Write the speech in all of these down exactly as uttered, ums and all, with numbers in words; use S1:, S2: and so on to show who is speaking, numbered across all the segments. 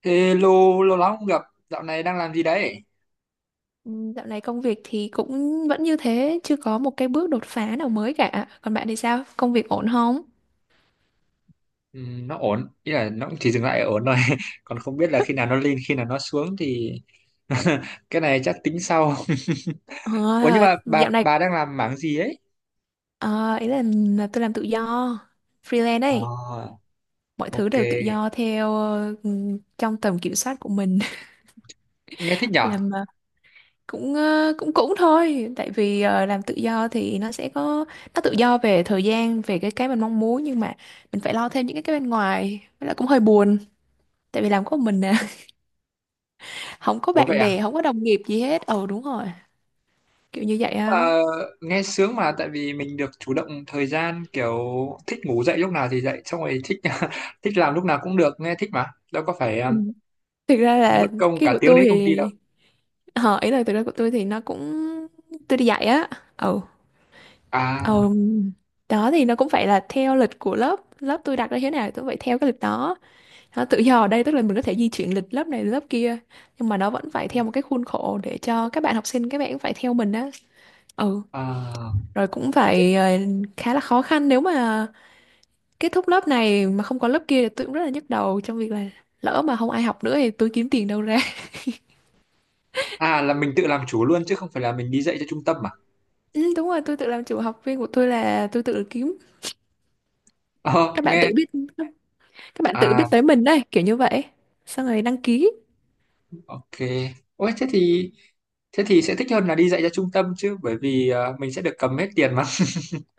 S1: Ê, lâu lâu lắm không gặp, dạo này đang làm gì đấy?
S2: Ừm, Dạo này công việc thì cũng vẫn như thế, chưa có một cái bước đột phá nào mới cả. Còn bạn thì sao? Công việc ổn không?
S1: Ừ, nó ổn, ý là nó cũng chỉ dừng lại ở ổn thôi. Còn không biết là khi nào nó lên, khi nào nó xuống thì cái này chắc tính sau.
S2: Ờ,
S1: Ủa, nhưng mà bà
S2: dạo này,
S1: bà đang làm mảng gì ấy?
S2: ờ, ý là, là tôi làm tự do, freelance ấy.
S1: À,
S2: Mọi thứ
S1: ok,
S2: đều tự do theo, ờ, ừm, trong tầm kiểm soát của mình.
S1: nghe thích nhở.
S2: Làm ờ, cũng, ờ, cũng cũng thôi, tại vì ờ, làm tự do thì nó sẽ có, nó tự do về thời gian, về cái cái mình mong muốn, nhưng mà mình phải lo thêm những cái cái bên ngoài, với lại cũng hơi buồn. Tại vì làm có một mình nè, không có
S1: Ủa vậy
S2: bạn
S1: à?
S2: bè, không có đồng nghiệp gì hết. Ờ, đúng rồi. Kiểu như vậy
S1: Nhưng
S2: á.
S1: mà nghe sướng mà, tại vì mình được chủ động thời gian, kiểu thích ngủ dậy lúc nào thì dậy, xong rồi thích thích làm lúc nào cũng được, nghe thích mà đâu có phải
S2: Ừ.
S1: um,
S2: Thực ra
S1: mất
S2: là
S1: công
S2: cái
S1: cả
S2: của
S1: tiếng đến
S2: tôi
S1: công ty đâu.
S2: thì, ờ, ý là thực ra của tôi thì nó cũng, tôi đi dạy á. Ừ.
S1: À,
S2: Ừ. Đó thì nó cũng phải là theo lịch của lớp lớp tôi đặt ra, thế nào tôi phải theo cái lịch đó. Nó tự do ở đây tức là mình có thể di chuyển lịch lớp này lớp kia, nhưng mà nó vẫn phải theo một cái khuôn khổ để cho các bạn học sinh, các bạn cũng phải theo mình á. Ừ.
S1: à.
S2: Rồi cũng phải, ờ, khá là khó khăn, nếu mà kết thúc lớp này mà không có lớp kia thì tôi cũng rất là nhức đầu trong việc là lỡ mà không ai học nữa thì tôi kiếm tiền đâu ra.
S1: À, là mình tự làm chủ luôn chứ không phải là mình đi dạy cho trung tâm à?
S2: Ừ, đúng rồi, tôi tự làm chủ, học viên của tôi là tôi tự kiếm.
S1: Ờ,
S2: Các bạn
S1: nghe.
S2: tự biết, các bạn tự biết
S1: À,
S2: tới mình đây, kiểu như vậy. Xong rồi đăng ký.
S1: ok. Ôi, thế thì thế thì sẽ thích hơn là đi dạy cho trung tâm chứ, bởi vì ờ, mình sẽ được cầm hết tiền mà.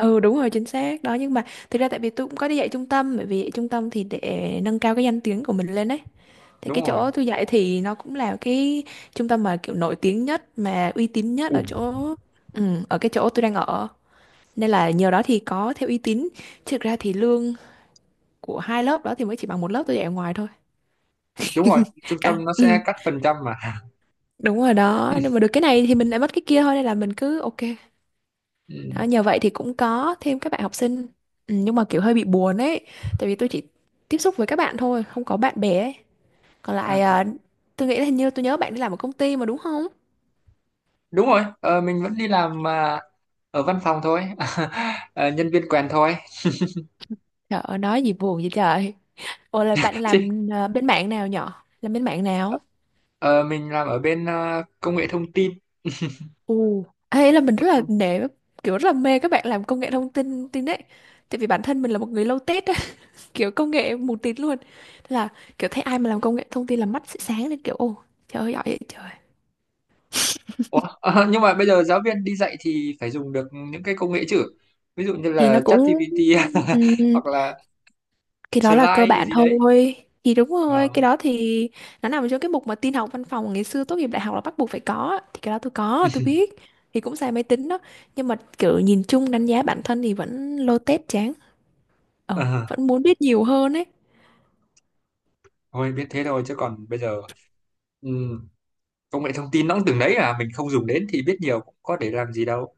S2: Ừ, đúng rồi, chính xác. Đó nhưng mà thực ra tại vì tôi cũng có đi dạy trung tâm, bởi vì dạy trung tâm thì để nâng cao cái danh tiếng của mình lên đấy. Thì
S1: Đúng
S2: cái
S1: rồi.
S2: chỗ tôi dạy thì nó cũng là cái trung tâm mà kiểu nổi tiếng nhất mà uy tín nhất
S1: Ừ,
S2: ở chỗ ừ, ở cái chỗ tôi đang ở. Nên là nhờ đó thì có theo uy tín. Chứ thực ra thì lương của hai lớp đó thì mới chỉ bằng một lớp tôi dạy ở ngoài thôi.
S1: đúng rồi, trung
S2: Cả.
S1: tâm nó sẽ
S2: Ừ.
S1: cắt phần trăm mà.
S2: Đúng rồi đó, nhưng mà được cái này thì mình lại mất cái kia thôi, nên là mình cứ ok. Đó,
S1: Ừ.
S2: nhờ vậy thì cũng có thêm các bạn học sinh. Ừ, nhưng mà kiểu hơi bị buồn ấy, tại vì tôi chỉ tiếp xúc với các bạn thôi, không có bạn bè ấy. Còn
S1: À,
S2: lại, à, tôi nghĩ là hình như tôi nhớ bạn đi làm ở công ty mà, đúng không?
S1: đúng rồi. Ờ, mình vẫn đi làm, à, ở văn phòng thôi. Ờ, nhân viên quèn thôi.
S2: Trời ơi nói gì buồn vậy trời. Ủa là bạn
S1: Chứ
S2: làm, à, bên mạng nào, nhỏ làm bên mạng nào?
S1: ờ, mình làm ở bên à, công nghệ thông tin.
S2: Ù. Ấy là mình rất là nể, kiểu rất là mê các bạn làm công nghệ thông tin tin đấy, tại vì bản thân mình là một người low tech, kiểu công nghệ mù tịt luôn. Thế là kiểu thấy ai mà làm công nghệ thông tin là mắt sẽ sáng lên, kiểu ô trời ơi giỏi vậy trời.
S1: Ủa? Ờ, nhưng mà bây giờ giáo viên đi dạy thì phải dùng được những cái công nghệ chứ. Ví dụ như
S2: Thì
S1: là
S2: nó cũng,
S1: ChatGPT
S2: ừm,
S1: hoặc là
S2: cái đó là cơ
S1: Slide
S2: bản
S1: gì đấy.
S2: thôi. Thì đúng rồi,
S1: Ờ.
S2: cái đó thì nó nằm trong cái mục mà tin học văn phòng ngày xưa tốt nghiệp đại học là bắt buộc phải có á. Thì cái đó tôi có, tôi biết, thì cũng xài máy tính đó, nhưng mà kiểu nhìn chung đánh giá bản thân thì vẫn lô tết chán. Ờ
S1: Ờ,
S2: vẫn muốn biết nhiều hơn ấy.
S1: thôi biết thế thôi, chứ còn bây giờ ừm, công nghệ thông tin nó cũng từng đấy à, mình không dùng đến thì biết nhiều cũng có để làm gì đâu.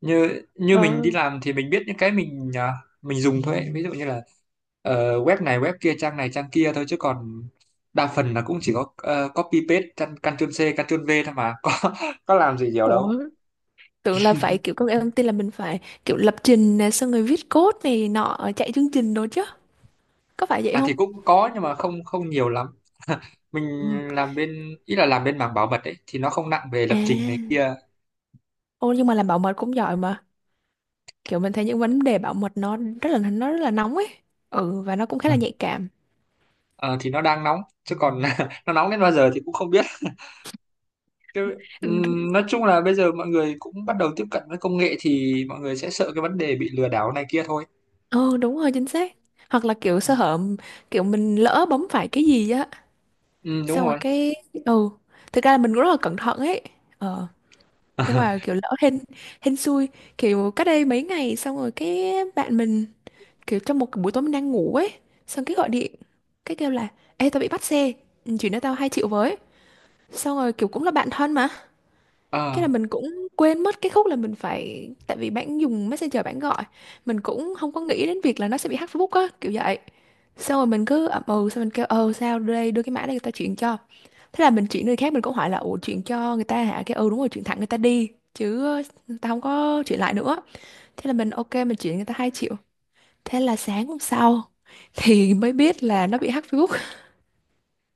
S1: Như như
S2: Ờ.
S1: mình đi làm thì mình biết những cái mình à, mình dùng thôi ấy. Ví dụ như là ờ, web này web kia, trang này trang kia thôi, chứ còn đa phần là cũng chỉ có ờ, copy paste căn- Ctrl C Ctrl V thôi mà, có có làm gì nhiều đâu.
S2: Ủa, tưởng là phải kiểu công nghệ thông tin là mình phải kiểu lập trình này, xong rồi viết code này nọ, chạy chương trình đồ chứ, có phải vậy
S1: À
S2: không?
S1: thì cũng có nhưng mà không không nhiều lắm. Mình
S2: Ừ.
S1: làm bên, ý là làm bên mảng bảo mật ấy, thì nó không nặng về lập trình này
S2: À.
S1: kia.
S2: Ô, nhưng mà làm bảo mật cũng giỏi mà, kiểu mình thấy những vấn đề bảo mật nó rất là, nó rất là nóng ấy. Ừ, và nó cũng khá là nhạy cảm.
S1: Ờ, thì nó đang nóng chứ còn nó nóng đến bao giờ thì cũng không biết. Cái,
S2: Ừ.
S1: ừm, nói chung là bây giờ mọi người cũng bắt đầu tiếp cận với công nghệ thì mọi người sẽ sợ cái vấn đề bị lừa đảo này kia thôi.
S2: Ừ, đúng rồi, chính xác. Hoặc là kiểu
S1: Ừ,
S2: sơ hở, kiểu mình lỡ bấm phải cái gì á,
S1: ừ, đúng
S2: xong rồi
S1: rồi.
S2: cái. Ừ. Thực ra là mình cũng rất là cẩn thận ấy. Ờ. Nhưng mà kiểu lỡ, hên hên xui, kiểu cách đây mấy ngày, xong rồi cái bạn mình, kiểu trong một cái buổi tối mình đang ngủ ấy, xong cái gọi điện, cái kêu là ê tao bị bắt xe, ừ, chuyển cho tao hai triệu với. Xong rồi kiểu cũng là bạn thân mà, cái
S1: Ờ,
S2: là mình cũng quên mất cái khúc là mình phải, tại vì bạn dùng messenger bạn gọi, mình cũng không có nghĩ đến việc là nó sẽ bị hack Facebook á, kiểu vậy. Xong rồi mình cứ ậm ừ, xong mình kêu ờ sao đưa đây, đưa cái mã đây tao chuyển cho. Thế là mình chuyển người khác, mình cũng hỏi là ủa chuyển cho người ta hả, cái ừ đúng rồi chuyển thẳng người ta đi chứ, ờ, tao không có chuyển lại nữa. Thế là mình ok, mình chuyển người ta hai triệu. Thế là sáng hôm sau thì mới biết là nó bị hack Facebook.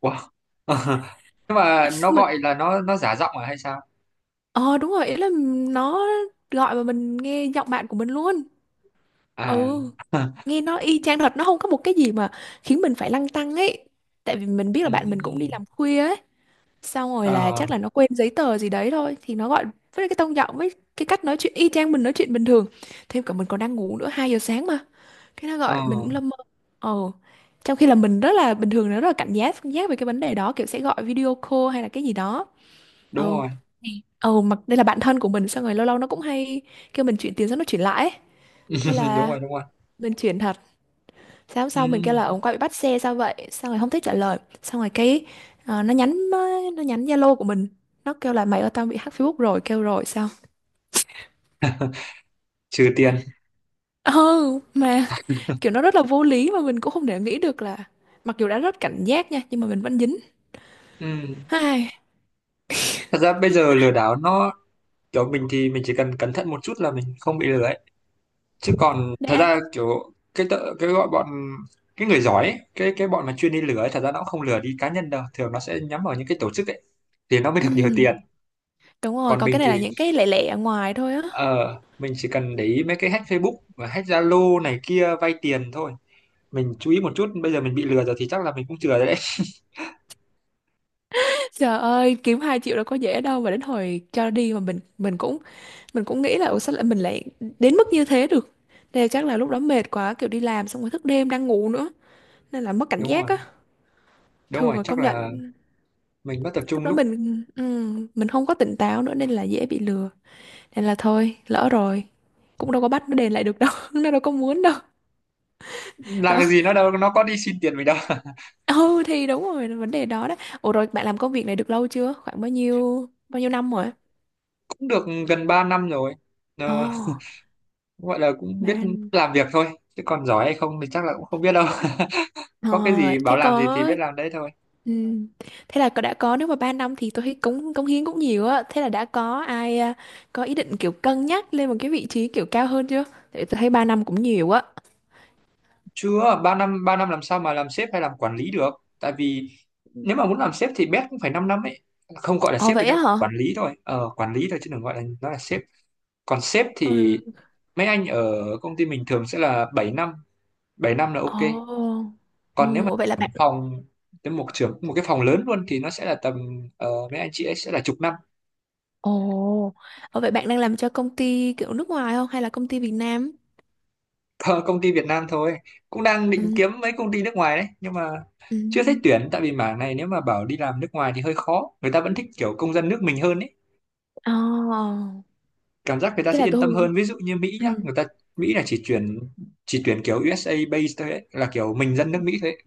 S1: wow. Nhưng mà nó
S2: Mà
S1: gọi là, nó nó giả giọng à hay sao?
S2: ờ đúng rồi, ý là nó gọi mà mình nghe giọng bạn của mình luôn.
S1: À,
S2: Ừ, nghe nó y chang thật, nó không có một cái gì mà khiến mình phải lăn tăn ấy. Tại vì mình biết là bạn mình cũng đi
S1: ừm,
S2: làm khuya ấy. Xong rồi là
S1: ờ,
S2: chắc là nó quên giấy tờ gì đấy thôi thì nó gọi, với cái tông giọng với cái cách nói chuyện y chang mình nói chuyện bình thường, thêm cả mình còn đang ngủ nữa, hai giờ sáng mà, cái nó
S1: ờ,
S2: gọi mình cũng lâm mơ. Ờ. Trong khi là mình rất là bình thường, nó rất là cảnh giác cảnh giác về cái vấn đề đó, kiểu sẽ gọi video call hay là cái gì đó. Ờ.
S1: đúng rồi.
S2: Thì ờ mặc đây là bạn thân của mình, xong rồi lâu lâu nó cũng hay kêu mình chuyển tiền, xong nó chuyển lại ấy. Thế
S1: Đúng
S2: là
S1: rồi, đúng rồi.
S2: mình chuyển thật. Sáng hôm
S1: Ừ.
S2: sau mình kêu là ông quay bị bắt xe sao vậy? Xong rồi không thích trả lời. Xong rồi cái, ờ, nó nhắn, nó nhắn Zalo của mình. Nó kêu là mày ơi tao bị hack Facebook rồi, kêu rồi sao?
S1: Trừ tiền.
S2: Ừ, mà kiểu nó rất là vô lý mà mình cũng không thể nghĩ được là mặc dù đã rất cảnh giác nha, nhưng mà mình vẫn dính.
S1: Ừ.
S2: Ai,
S1: Thật ra bây giờ lừa đảo nó, kiểu mình thì mình chỉ cần cẩn thận một chút là mình không bị lừa ấy, chứ còn thật
S2: đã.
S1: ra kiểu cái tợ, cái gọi bọn, cái người giỏi ấy, cái cái bọn mà chuyên đi lừa ấy, thật ra nó cũng không lừa đi cá nhân đâu, thường nó sẽ nhắm vào những cái tổ chức ấy thì nó mới
S2: Ừ,
S1: được nhiều tiền.
S2: đúng rồi,
S1: Còn
S2: còn
S1: mình
S2: cái này
S1: thì
S2: là những cái lẻ lẻ ở ngoài thôi á.
S1: ờ mình chỉ cần để ý mấy cái hack Facebook và hack Zalo này kia vay tiền thôi, mình chú ý một chút. Bây giờ mình bị lừa rồi thì chắc là mình cũng chừa rồi đấy.
S2: Trời ơi, kiếm hai triệu đâu có dễ đâu, mà đến hồi cho đi mà mình mình cũng mình cũng nghĩ là ủa sao lại mình lại đến mức như thế được. Nên chắc là lúc đó mệt quá, kiểu đi làm xong rồi thức đêm đang ngủ nữa, nên là mất cảnh
S1: Đúng
S2: giác
S1: rồi,
S2: á.
S1: đúng
S2: Thường
S1: rồi,
S2: là
S1: chắc
S2: công
S1: là
S2: nhận
S1: mình mất tập
S2: lúc
S1: trung
S2: đó
S1: lúc
S2: mình ừm, mình không có tỉnh táo nữa nên là dễ bị lừa, nên là thôi lỡ rồi, cũng đâu có bắt nó đền lại được đâu. Nó đâu có muốn đâu.
S1: làm
S2: Đó.
S1: cái gì, nó đâu nó có đi xin tiền mình đâu.
S2: Ừ, thì đúng rồi là vấn đề đó đó. Ủa rồi bạn làm công việc này được lâu chưa, khoảng bao nhiêu bao nhiêu năm rồi?
S1: Cũng được gần ba năm rồi.
S2: Ồ.
S1: Ờ, gọi là cũng biết
S2: Bạn,
S1: làm việc thôi, chứ còn giỏi hay không thì chắc là cũng không biết đâu. Có cái
S2: ờ,
S1: gì
S2: thế
S1: bảo làm gì thì
S2: có
S1: biết làm đấy thôi.
S2: ừm, thế là có- đã có, nếu mà ba năm thì tôi thấy cống cống hiến cũng nhiều á, thế là đã có ai, à, có ý định kiểu cân nhắc lên một cái vị trí kiểu cao hơn chưa? Tại tôi thấy ba năm cũng nhiều á.
S1: Chưa, ba năm ba năm làm sao mà làm sếp hay làm quản lý được, tại vì nếu mà muốn làm sếp thì bét cũng phải 5 năm ấy. Không, gọi là
S2: Ồ
S1: sếp với
S2: vậy á
S1: nhau,
S2: hả?
S1: quản lý thôi, ờ quản lý thôi, chứ đừng gọi là nó là sếp. Còn sếp thì
S2: Ừ.
S1: mấy anh ở công ty mình thường sẽ là bảy năm, bảy năm là ok.
S2: Ồ.
S1: Còn nếu
S2: Ừ,
S1: mà
S2: ủa vậy là bạn.
S1: phòng đến một trưởng một cái phòng lớn luôn thì nó sẽ là tầm ờ, mấy anh chị ấy sẽ là chục năm.
S2: Ồ. Ồ vậy bạn đang làm cho công ty kiểu nước ngoài không, hay là công ty Việt Nam?
S1: Ờ, công ty Việt Nam thôi, cũng đang định
S2: Ừ.
S1: kiếm mấy công ty nước ngoài đấy nhưng mà
S2: Ừ.
S1: chưa thấy tuyển, tại vì mảng này nếu mà bảo đi làm nước ngoài thì hơi khó, người ta vẫn thích kiểu công dân nước mình hơn ấy,
S2: Ồ.
S1: cảm giác người ta
S2: Cái
S1: sẽ
S2: này
S1: yên
S2: tôi
S1: tâm
S2: không
S1: hơn. Ví dụ như Mỹ nhá,
S2: ừ.
S1: người ta Mỹ là chỉ tuyển, chỉ tuyển kiểu u es a based thôi ấy, là kiểu mình dân nước Mỹ thôi ấy.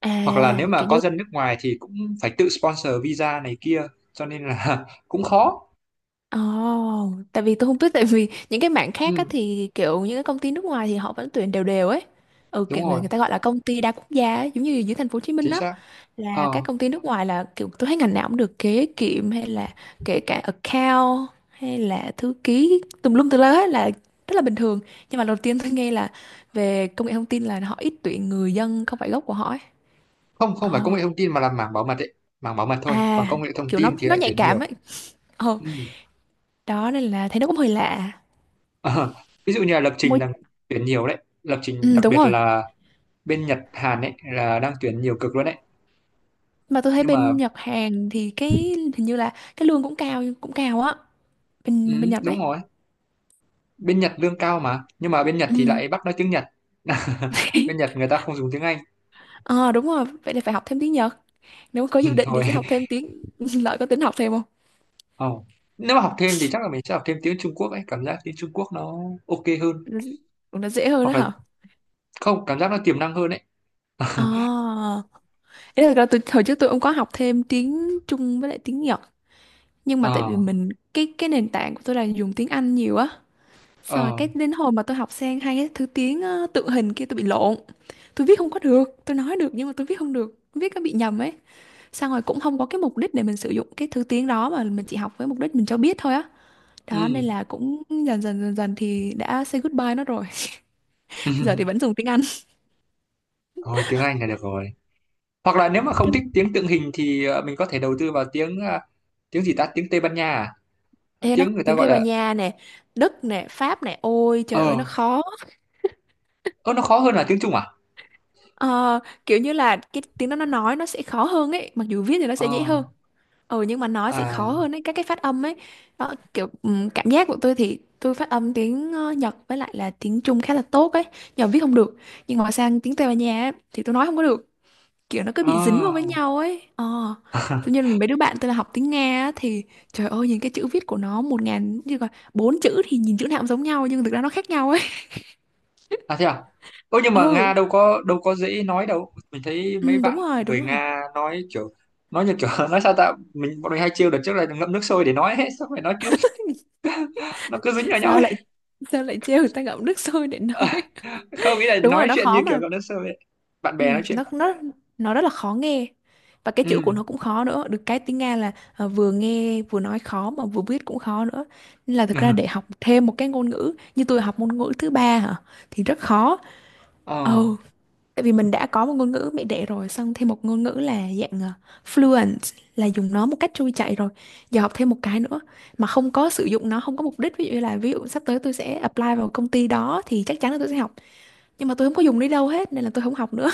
S2: À,
S1: Hoặc là nếu mà
S2: kiểu
S1: có
S2: như.
S1: dân nước ngoài thì cũng phải tự sponsor visa này kia, cho nên là cũng khó.
S2: Ồ, tại vì tôi không biết, tại vì những cái mảng khác á
S1: Ừ,
S2: thì kiểu những cái công ty nước ngoài thì họ vẫn tuyển đều đều ấy. Ừ,
S1: đúng
S2: kiểu người,
S1: rồi,
S2: người ta gọi là công ty đa quốc gia ấy, giống như dưới thành phố Hồ Chí Minh
S1: chính
S2: á.
S1: xác.
S2: Là các
S1: ờ,
S2: công ty nước ngoài là kiểu tôi thấy ngành nào cũng được, kế kiệm hay là kể cả account hay là thư ký tùm lum tùm la hết, là rất là bình thường. Nhưng mà đầu tiên tôi nghe là về công nghệ thông tin là họ ít tuyển người dân không phải gốc của họ ấy.
S1: không, không phải công
S2: Ồ.
S1: nghệ thông tin mà là mảng bảo mật ấy, mảng bảo mật thôi, còn
S2: À
S1: công nghệ thông
S2: kiểu nó
S1: tin thì
S2: nó
S1: lại
S2: nhạy
S1: tuyển
S2: cảm
S1: nhiều.
S2: ấy. Ồ.
S1: Ừ.
S2: Đó nên là thấy nó cũng hơi lạ.
S1: Ờ, ví dụ như là lập trình
S2: Môi.
S1: là tuyển nhiều đấy, lập trình
S2: Ừ,
S1: đặc
S2: đúng
S1: biệt
S2: rồi.
S1: là bên Nhật Hàn ấy là đang tuyển nhiều cực luôn đấy.
S2: Mà tôi thấy
S1: Nhưng mà
S2: bên Nhật Hàn thì cái hình như là cái lương cũng cao cũng cao á,
S1: ừ,
S2: bên bên Nhật
S1: đúng
S2: đấy.
S1: rồi, bên Nhật lương cao mà, nhưng mà bên Nhật thì
S2: Ừ.
S1: lại bắt nói tiếng Nhật. Bên Nhật người ta không dùng tiếng Anh.
S2: Ờ đúng rồi, vậy thì phải học thêm tiếng Nhật. Nếu mà có dự định thì
S1: Thôi.
S2: sẽ học thêm tiếng lợi, có tính học thêm không?
S1: Oh. Nếu mà học thêm thì chắc là mình sẽ học thêm tiếng Trung Quốc ấy, cảm giác tiếng Trung Quốc nó ok hơn.
S2: Nó- Cũng nó dễ hơn đó
S1: Hoặc là
S2: hả?
S1: không, cảm giác nó tiềm năng hơn ấy.
S2: À, thế thật ra tôi hồi trước tôi cũng có học thêm tiếng Trung với lại tiếng Nhật, nhưng mà tại vì
S1: Ờ.
S2: mình cái cái nền tảng của tôi là dùng tiếng Anh nhiều á, xong rồi
S1: Ờ.
S2: cái đến hồi mà tôi học sang hai cái thứ tiếng, ờ, tượng hình kia tôi bị lộn, tôi viết không có được, tôi nói được nhưng mà tôi viết không được, viết nó bị nhầm ấy. Xong rồi cũng không có cái mục đích để mình sử dụng cái thứ tiếng đó, mà mình chỉ học với mục đích mình cho biết thôi á. Đó nên
S1: Ừ.
S2: là cũng dần dần dần dần thì đã say goodbye nó rồi. Giờ thì vẫn dùng tiếng Anh.
S1: Thôi tiếng Anh là được rồi, hoặc là nếu mà không
S2: Cái
S1: thích tiếng tượng hình thì ờ, mình có thể đầu tư vào tiếng ờ, tiếng gì ta, tiếng Tây Ban Nha à?
S2: ê nó
S1: Tiếng người ta
S2: tiếng
S1: gọi
S2: Tây Ban
S1: là
S2: Nha nè, Đức nè, Pháp nè, ôi trời ơi nó
S1: ờ.
S2: khó.
S1: Ơ, nó khó hơn là tiếng Trung à?
S2: Ờ, kiểu như là cái tiếng đó nó nói nó sẽ khó hơn ấy, mặc dù viết thì nó sẽ dễ hơn.
S1: Ờ.
S2: Ừ, nhưng mà nói sẽ khó
S1: À.
S2: hơn ấy, các cái phát âm ấy. Đó, kiểu, ừm, cảm giác của tôi thì tôi phát âm tiếng, ờ, Nhật với lại là tiếng Trung khá là tốt ấy, nhờ viết không được. Nhưng mà sang tiếng Tây Ban Nha ấy, thì tôi nói không có được, kiểu nó cứ
S1: Ờ.
S2: bị dính vào với nhau ấy. Ờ. Tự nhiên mấy đứa bạn tôi là học tiếng Nga á, thì trời ơi nhìn cái chữ viết của nó một ngàn như là bốn chữ, thì nhìn chữ nào cũng giống nhau nhưng thực ra nó khác nhau ấy.
S1: À thế à? Ơ nhưng mà
S2: Ừ,
S1: Nga đâu có, đâu có dễ nói đâu, mình thấy mấy
S2: ừ đúng
S1: bạn
S2: rồi đúng
S1: người
S2: rồi.
S1: Nga nói kiểu nói như kiểu nói sao ta, mình bọn mình hay trêu đợt trước là ngậm nước sôi để nói, hết xong rồi nó cứ nó cứ dính vào nhau
S2: sao
S1: ấy.
S2: lại sao lại trêu người ta ngậm nước sôi để nói.
S1: Không, nghĩ là
S2: Đúng rồi
S1: nói
S2: nó
S1: chuyện
S2: khó
S1: như kiểu
S2: mà.
S1: ngậm nước sôi ấy. Bạn
S2: Ừ,
S1: bè nói chuyện.
S2: nó nó nó rất là khó nghe, và cái chữ của
S1: Ừ.
S2: nó cũng khó nữa, được cái tiếng Nga là, ờ, vừa nghe vừa nói khó mà vừa viết cũng khó nữa, nên là thực ra để học thêm một cái ngôn ngữ, như tôi học ngôn ngữ thứ ba hả, thì rất khó.
S1: Ờ.
S2: Ừ. Tại vì mình đã có một ngôn ngữ mẹ đẻ rồi, xong thêm một ngôn ngữ là dạng, ờ, fluent, là dùng nó một cách trôi chảy rồi. Giờ học thêm một cái nữa mà không có sử dụng nó, không có mục đích. Ví dụ như là ví dụ sắp tới tôi sẽ apply vào công ty đó thì chắc chắn là tôi sẽ học. Nhưng mà tôi không có dùng đi đâu hết nên là tôi không học nữa.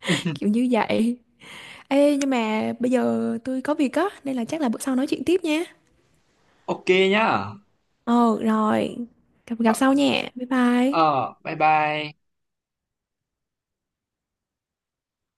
S2: Kiểu như vậy. Ê nhưng mà bây giờ tôi có việc á, nên là chắc là bữa sau nói chuyện tiếp nha.
S1: Ok, nhá.
S2: Ờ rồi. Gặp, gặp
S1: Ờ,
S2: sau nha. Bye bye.
S1: ờ, bye bye.